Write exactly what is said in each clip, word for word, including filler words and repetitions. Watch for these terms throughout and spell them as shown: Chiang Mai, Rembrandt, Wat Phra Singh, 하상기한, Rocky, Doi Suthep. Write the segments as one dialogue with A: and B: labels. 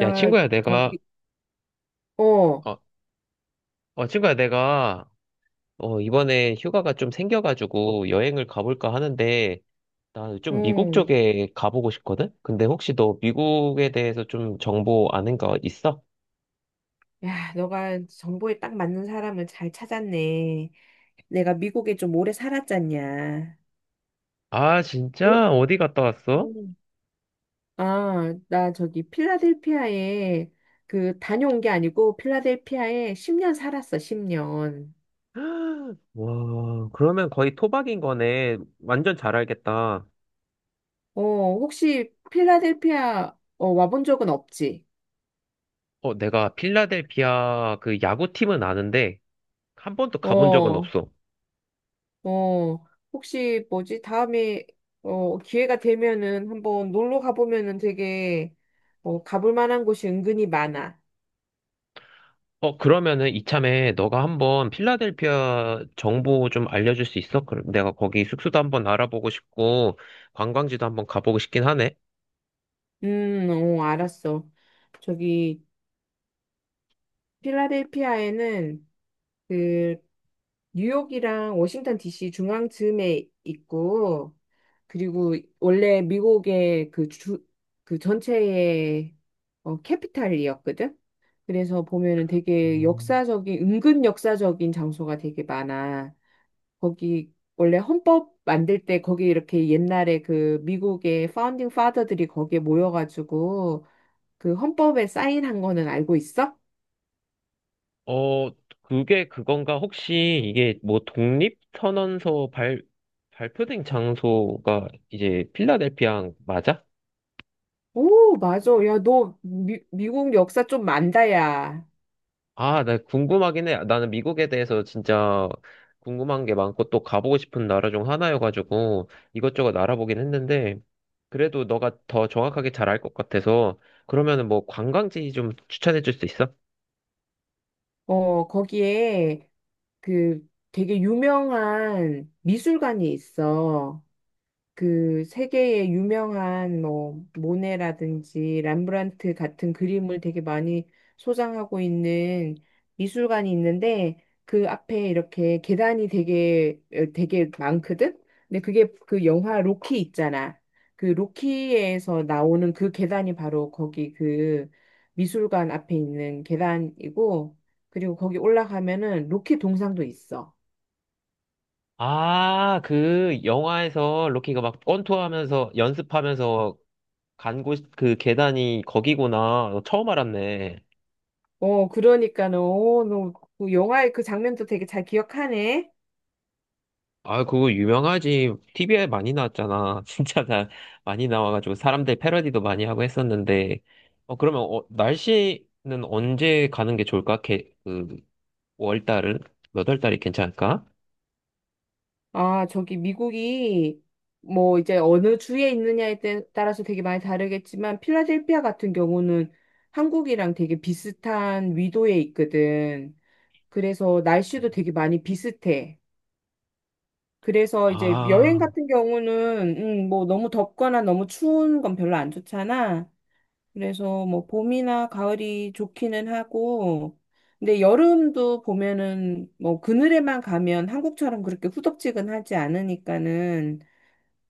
A: 야, 친구야, 내가,
B: 저기. 어,
A: 어, 어, 친구야, 내가, 어, 이번에 휴가가 좀 생겨가지고 여행을 가볼까 하는데, 나 좀 미국
B: 응.
A: 쪽에 가보고 싶거든? 근데 혹시 너 미국에 대해서 좀 정보 아는 거 있어?
B: 야, 너가 정보에 딱 맞는 사람을 잘 찾았네. 내가 미국에 좀 오래 살았잖냐.
A: 아,
B: 어?
A: 진짜? 어디 갔다 왔어?
B: 음. 아, 나 저기 필라델피아에 그 다녀온 게 아니고 필라델피아에 십 년 살았어, 십 년.
A: 와, 그러면 거의 토박인 거네. 완전 잘 알겠다.
B: 어, 혹시 필라델피아 어, 와본 적은 없지?
A: 어, 내가 필라델피아 그 야구팀은 아는데, 한 번도 가본 적은
B: 어.
A: 없어.
B: 어, 혹시 뭐지? 다음에 어, 기회가 되면은 한번 놀러 가보면은 되게 어, 가볼 만한 곳이 은근히 많아.
A: 어, 그러면은 이참에 너가 한번 필라델피아 정보 좀 알려줄 수 있어? 그럼 내가 거기 숙소도 한번 알아보고 싶고, 관광지도 한번 가보고 싶긴 하네.
B: 음, 어, 알았어. 저기 필라델피아에는 그 뉴욕이랑 워싱턴 디씨 중앙쯤에 있고, 그리고 원래 미국의 그 주, 그 전체의 어, 캐피탈이었거든. 그래서 보면은 되게
A: 음.
B: 역사적인, 은근 역사적인 장소가 되게 많아. 거기 원래 헌법 만들 때 거기 이렇게 옛날에 그 미국의 파운딩 파더들이 거기에 모여가지고 그 헌법에 사인한 거는 알고 있어?
A: 어, 그게 그건가? 혹시 이게 뭐 독립선언서 발, 발표된 장소가 이제 필라델피아 맞아?
B: 오, 맞아. 야, 너 미, 미국 역사 좀 만다, 야.
A: 아, 나 궁금하긴 해. 나는 미국에 대해서 진짜 궁금한 게 많고 또 가보고 싶은 나라 중 하나여가지고 이것저것 알아보긴 했는데, 그래도 너가 더 정확하게 잘 알 것 같아서 그러면은 뭐 관광지 좀 추천해 줄 수 있어?
B: 어, 거기에 그 되게 유명한 미술관이 있어. 그 세계의 유명한 뭐 모네라든지 람브란트 같은 그림을 되게 많이 소장하고 있는 미술관이 있는데 그 앞에 이렇게 계단이 되게 어, 되게 많거든. 근데 그게 그 영화 로키 있잖아. 그 로키에서 나오는 그 계단이 바로 거기 그 미술관 앞에 있는 계단이고, 그리고 거기 올라가면은 로키 동상도 있어.
A: 아, 그 영화에서 로키가 막 권투하면서 연습하면서 간 곳 그 계단이 거기구나. 너 처음 알았네.
B: 어, 그러니까는, 어, 너, 그 영화의 그 장면도 되게 잘 기억하네.
A: 아, 그거 유명하지. 티브이에 많이 나왔잖아. 진짜 다 많이 나와가지고 사람들 패러디도 많이 하고 했었는데. 어, 그러면 어, 날씨는 언제 가는 게 좋을까? 개, 그, 월달은? 몇 월 달이 괜찮을까?
B: 아, 저기 미국이 뭐 이제 어느 주에 있느냐에 따- 따라서 되게 많이 다르겠지만, 필라델피아 같은 경우는 한국이랑 되게 비슷한 위도에 있거든. 그래서 날씨도 되게 많이 비슷해. 그래서 이제 여행
A: 아,
B: 같은 경우는, 음, 뭐 너무 덥거나 너무 추운 건 별로 안 좋잖아. 그래서 뭐 봄이나 가을이 좋기는 하고, 근데 여름도 보면은 뭐 그늘에만 가면 한국처럼 그렇게 후덥지근하지 않으니까는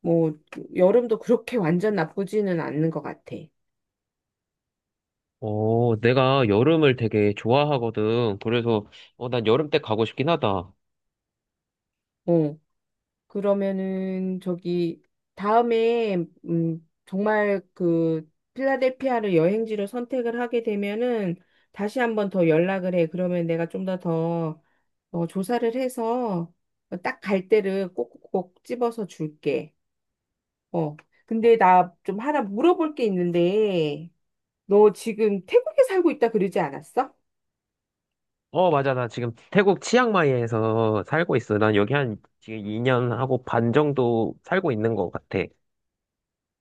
B: 뭐 여름도 그렇게 완전 나쁘지는 않는 것 같아.
A: 어, 내가 여름을 되게 좋아하거든. 그래서, 어, 난 여름 때 가고 싶긴 하다.
B: 어, 그러면은 저기 다음에 음 정말 그 필라델피아를 여행지로 선택을 하게 되면은 다시 한번 더 연락을 해. 그러면 내가 좀 더더 어, 조사를 해서 딱 갈 때를 꼭꼭 집어서 줄게. 어. 근데 나 좀 하나 물어볼 게 있는데, 너 지금 태국에 살고 있다 그러지 않았어?
A: 어, 맞아. 나 지금 태국 치앙마이에서 살고 있어. 난 여기 한 지금 이 년 하고 반 정도 살고 있는 것 같아.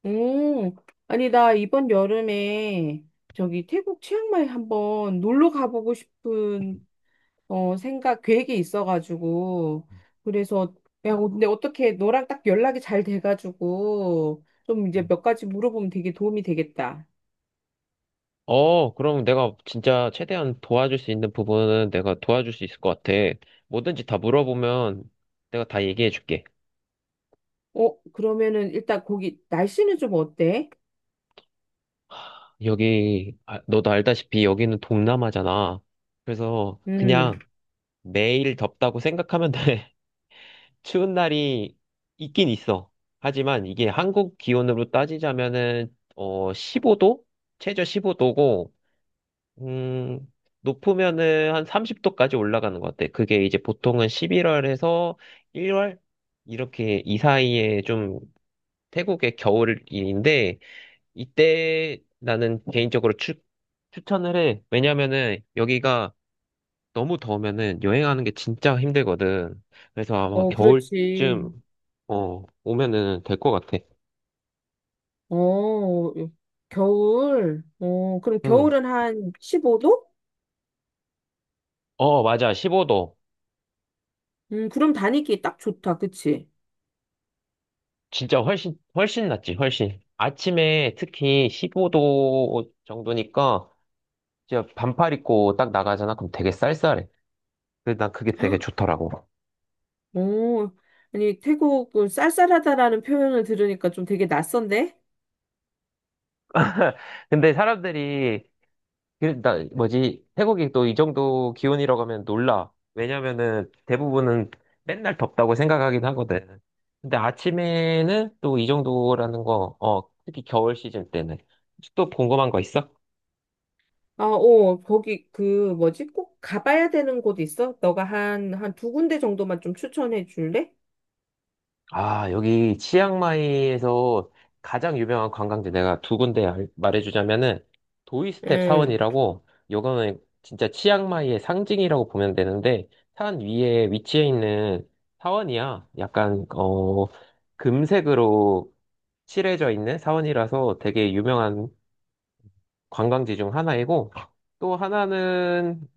B: 음. 아니, 나 이번 여름에 저기 태국 치앙마이 한번 놀러 가보고 싶은 어, 생각, 계획이 있어가지고. 그래서, 야, 근데 어떻게 너랑 딱 연락이 잘 돼가지고 좀 이제 몇 가지 물어보면 되게 도움이 되겠다.
A: 어, 그럼 내가 진짜 최대한 도와줄 수 있는 부분은 내가 도와줄 수 있을 것 같아. 뭐든지 다 물어보면 내가 다 얘기해 줄게.
B: 어, 그러면은 일단 거기 날씨는 좀 어때?
A: 여기, 아, 너도 알다시피 여기는 동남아잖아. 그래서
B: 음,
A: 그냥 매일 덥다고 생각하면 돼. 추운 날이 있긴 있어. 하지만 이게 한국 기온으로 따지자면은, 어, 십오 도? 최저 십오 도고, 음, 높으면은 한 삼십 도까지 올라가는 것 같아. 그게 이제 보통은 십일 월에서 일 월? 이렇게 이 사이에 좀 태국의 겨울인데, 이때 나는 개인적으로 추, 추천을 해. 왜냐면은 여기가 너무 더우면은 여행하는 게 진짜 힘들거든. 그래서 아마
B: 어, 그렇지.
A: 겨울쯤, 어, 오면은 될 것 같아.
B: 어, 겨울. 어, 그럼
A: 응.
B: 겨울은 한 십오 도?
A: 어, 맞아. 십오 도.
B: 음, 그럼 다니기 딱 좋다. 그치?
A: 진짜 훨씬, 훨씬 낫지, 훨씬. 아침에 특히 십오 도 정도니까 진짜 반팔 입고 딱 나가잖아. 그럼 되게 쌀쌀해. 그래서 난 그게 되게 좋더라고.
B: 어, 아니, 태국 그 쌀쌀하다라는 표현을 들으니까 좀 되게 낯선데?
A: 근데 사람들이, 그, 나, 뭐지, 태국이 또 이 정도 기온이라고 하면 놀라. 왜냐면은 대부분은 맨날 덥다고 생각하긴 하거든. 근데 아침에는 또 이 정도라는 거, 어, 특히 겨울 시즌 때는. 혹시 또 궁금한 거 있어?
B: 아, 어, 거기 그 뭐지? 꼭 가봐야 되는 곳 있어? 너가 한, 한 두 군데 정도만 좀 추천해 줄래?
A: 아, 여기 치앙마이에서 가장 유명한 관광지 내가 두 군데 알- 말해주자면은, 도이스텝
B: 응.
A: 사원이라고, 요거는 진짜 치앙마이의 상징이라고 보면 되는데, 산 위에 위치해 있는 사원이야. 약간 어 금색으로 칠해져 있는 사원이라서 되게 유명한 관광지 중 하나이고, 또 하나는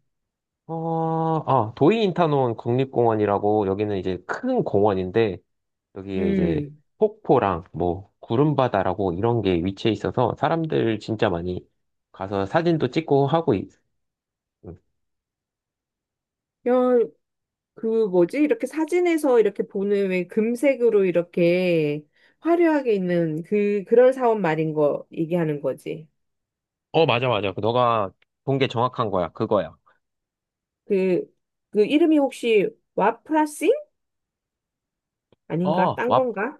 A: 어, 아, 도이인타논 국립공원이라고, 여기는 이제 큰 공원인데,
B: 음.
A: 여기에 이제
B: 음.
A: 폭포랑 뭐 구름바다라고 이런 게 위치해 있어서 사람들 진짜 많이 가서 사진도 찍고 하고 있... 응.
B: 야, 그 뭐지? 이렇게 사진에서 이렇게 보는 왜 금색으로 이렇게 화려하게 있는 그 그런 사원 말인 거 얘기하는 거지.
A: 어, 맞아, 맞아. 그 너가 본 게 정확한 거야. 그거야.
B: 그 그 이름이 혹시 와프라싱 아닌가?
A: 어,
B: 딴
A: 와,
B: 건가?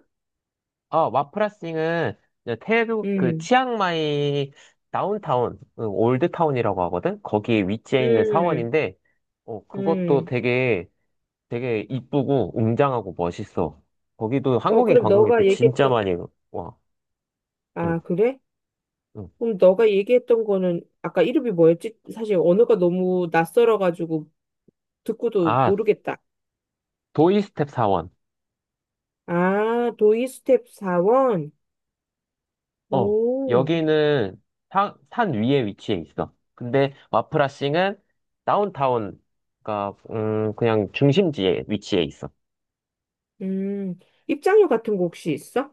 A: 아, 와프라싱은 이제 태국 그
B: 음.
A: 치앙마이 다운타운, 응, 올드타운이라고 하거든? 거기에 위치해 있는
B: 음.
A: 사원인데, 어, 그것도
B: 음.
A: 되게, 되게 이쁘고 웅장하고 멋있어. 거기도
B: 어,
A: 한국인
B: 그럼 너가
A: 관광객도 진짜
B: 얘기했던.
A: 많이 와. 응,
B: 아, 그래?
A: 응.
B: 그럼 너가 얘기했던 거는 아까 이름이 뭐였지? 사실 언어가 너무 낯설어 가지고 듣고도
A: 아,
B: 모르겠다.
A: 도이스텝 사원.
B: 아, 도이 스텝 사원.
A: 어,
B: 오.
A: 여기는 사- 산 위에 위치해 있어. 근데 와프라싱은 다운타운, 그러니까 음, 그냥 중심지에 위치해 있어.
B: 음, 입장료 같은 거 혹시 있어?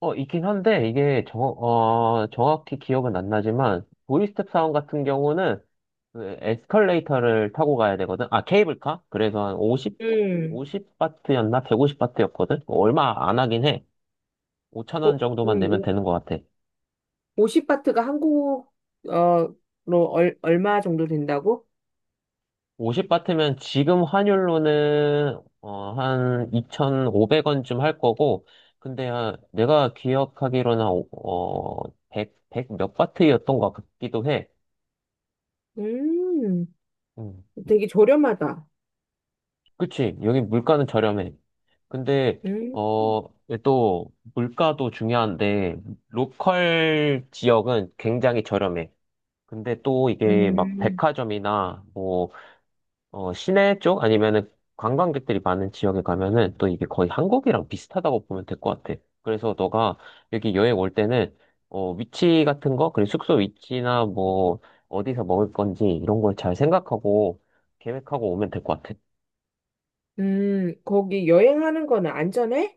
A: 어, 있긴 한데, 이게 정, 어, 정확히 기억은 안 나지만, 도이스텝 사원 같은 경우는 그 에스컬레이터를 타고 가야 되거든. 아, 케이블카? 그래서 한 오십,
B: 음.
A: 오십 바트였나 백오십 바트였거든? 얼마 안 하긴 해. 오천 원
B: 오.
A: 정도만
B: 음.
A: 내면
B: 오-.
A: 되는 것 같아.
B: 오십 바트가 한국, 어, 로 얼, 얼마 정도 된다고?
A: 오십 바트면 지금 환율로는 어, 한 이천오백 원쯤 할 거고, 근데 아, 내가 기억하기로는 어, 백, 몇 바트였던 것 같기도 해.
B: 음,
A: 음,
B: 되게 저렴하다.
A: 그치. 여기 물가는 저렴해. 근데
B: 음,
A: 어, 이게 또 물가도 중요한데 로컬 지역은 굉장히 저렴해. 근데 또 이게 막
B: 음,
A: 백화점이나 뭐 어, 시내 쪽 아니면은 관광객들이 많은 지역에 가면은 또 이게 거의 한국이랑 비슷하다고 보면 될 것 같아. 그래서 너가 여기 여행 올 때는 어, 위치 같은 거, 그리고 숙소 위치나 뭐 어디서 먹을 건지 이런 걸 잘 생각하고 계획하고 오면 될 것 같아.
B: 음, 거기 여행하는 거는 안전해?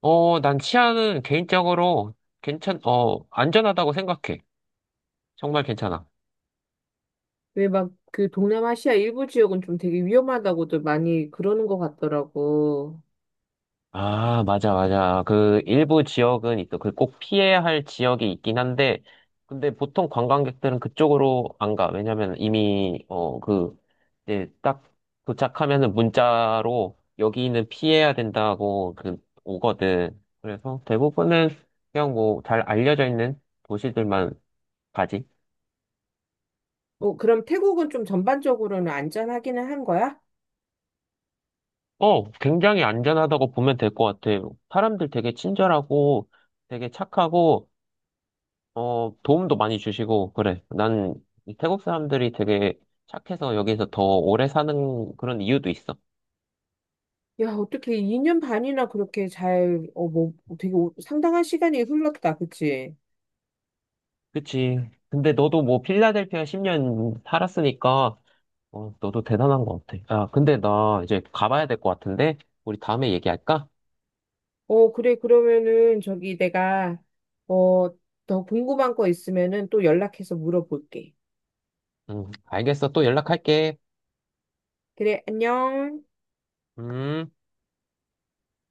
A: 어, 난 치안은 개인적으로 괜찮, 어, 안전하다고 생각해. 정말 괜찮아.
B: 왜 막 그 동남아시아 일부 지역은 좀 되게 위험하다고도 많이 그러는 것 같더라고.
A: 아, 맞아, 맞아. 그, 일부 지역은 있어. 그 꼭 피해야 할 지역이 있긴 한데, 근데 보통 관광객들은 그쪽으로 안 가. 왜냐면 이미, 어, 그, 이제 딱 도착하면은 문자로 여기는 피해야 된다고 그, 오거든. 그래서 대부분은 그냥 뭐 잘 알려져 있는 도시들만 가지.
B: 어, 그럼 태국은 좀 전반적으로는 안전하기는 한 거야?
A: 어, 굉장히 안전하다고 보면 될 것 같아. 사람들 되게 친절하고 되게 착하고, 어, 도움도 많이 주시고, 그래. 난이 태국 사람들이 되게 착해서 여기서 더 오래 사는 그런 이유도 있어.
B: 야, 어떻게 이 년 반이나 그렇게 잘, 어, 뭐, 되게 오- 상당한 시간이 흘렀다, 그치?
A: 그치. 근데 너도 뭐 필라델피아 십 년 살았으니까, 어, 너도 대단한 것 같아. 야, 근데 나 이제 가봐야 될 것 같은데, 우리 다음에 얘기할까?
B: 어, 그래, 그러면은 저기 내가, 어, 더 궁금한 거 있으면은 또 연락해서 물어볼게.
A: 응, 알겠어. 또 연락할게.
B: 그래, 안녕.
A: 음.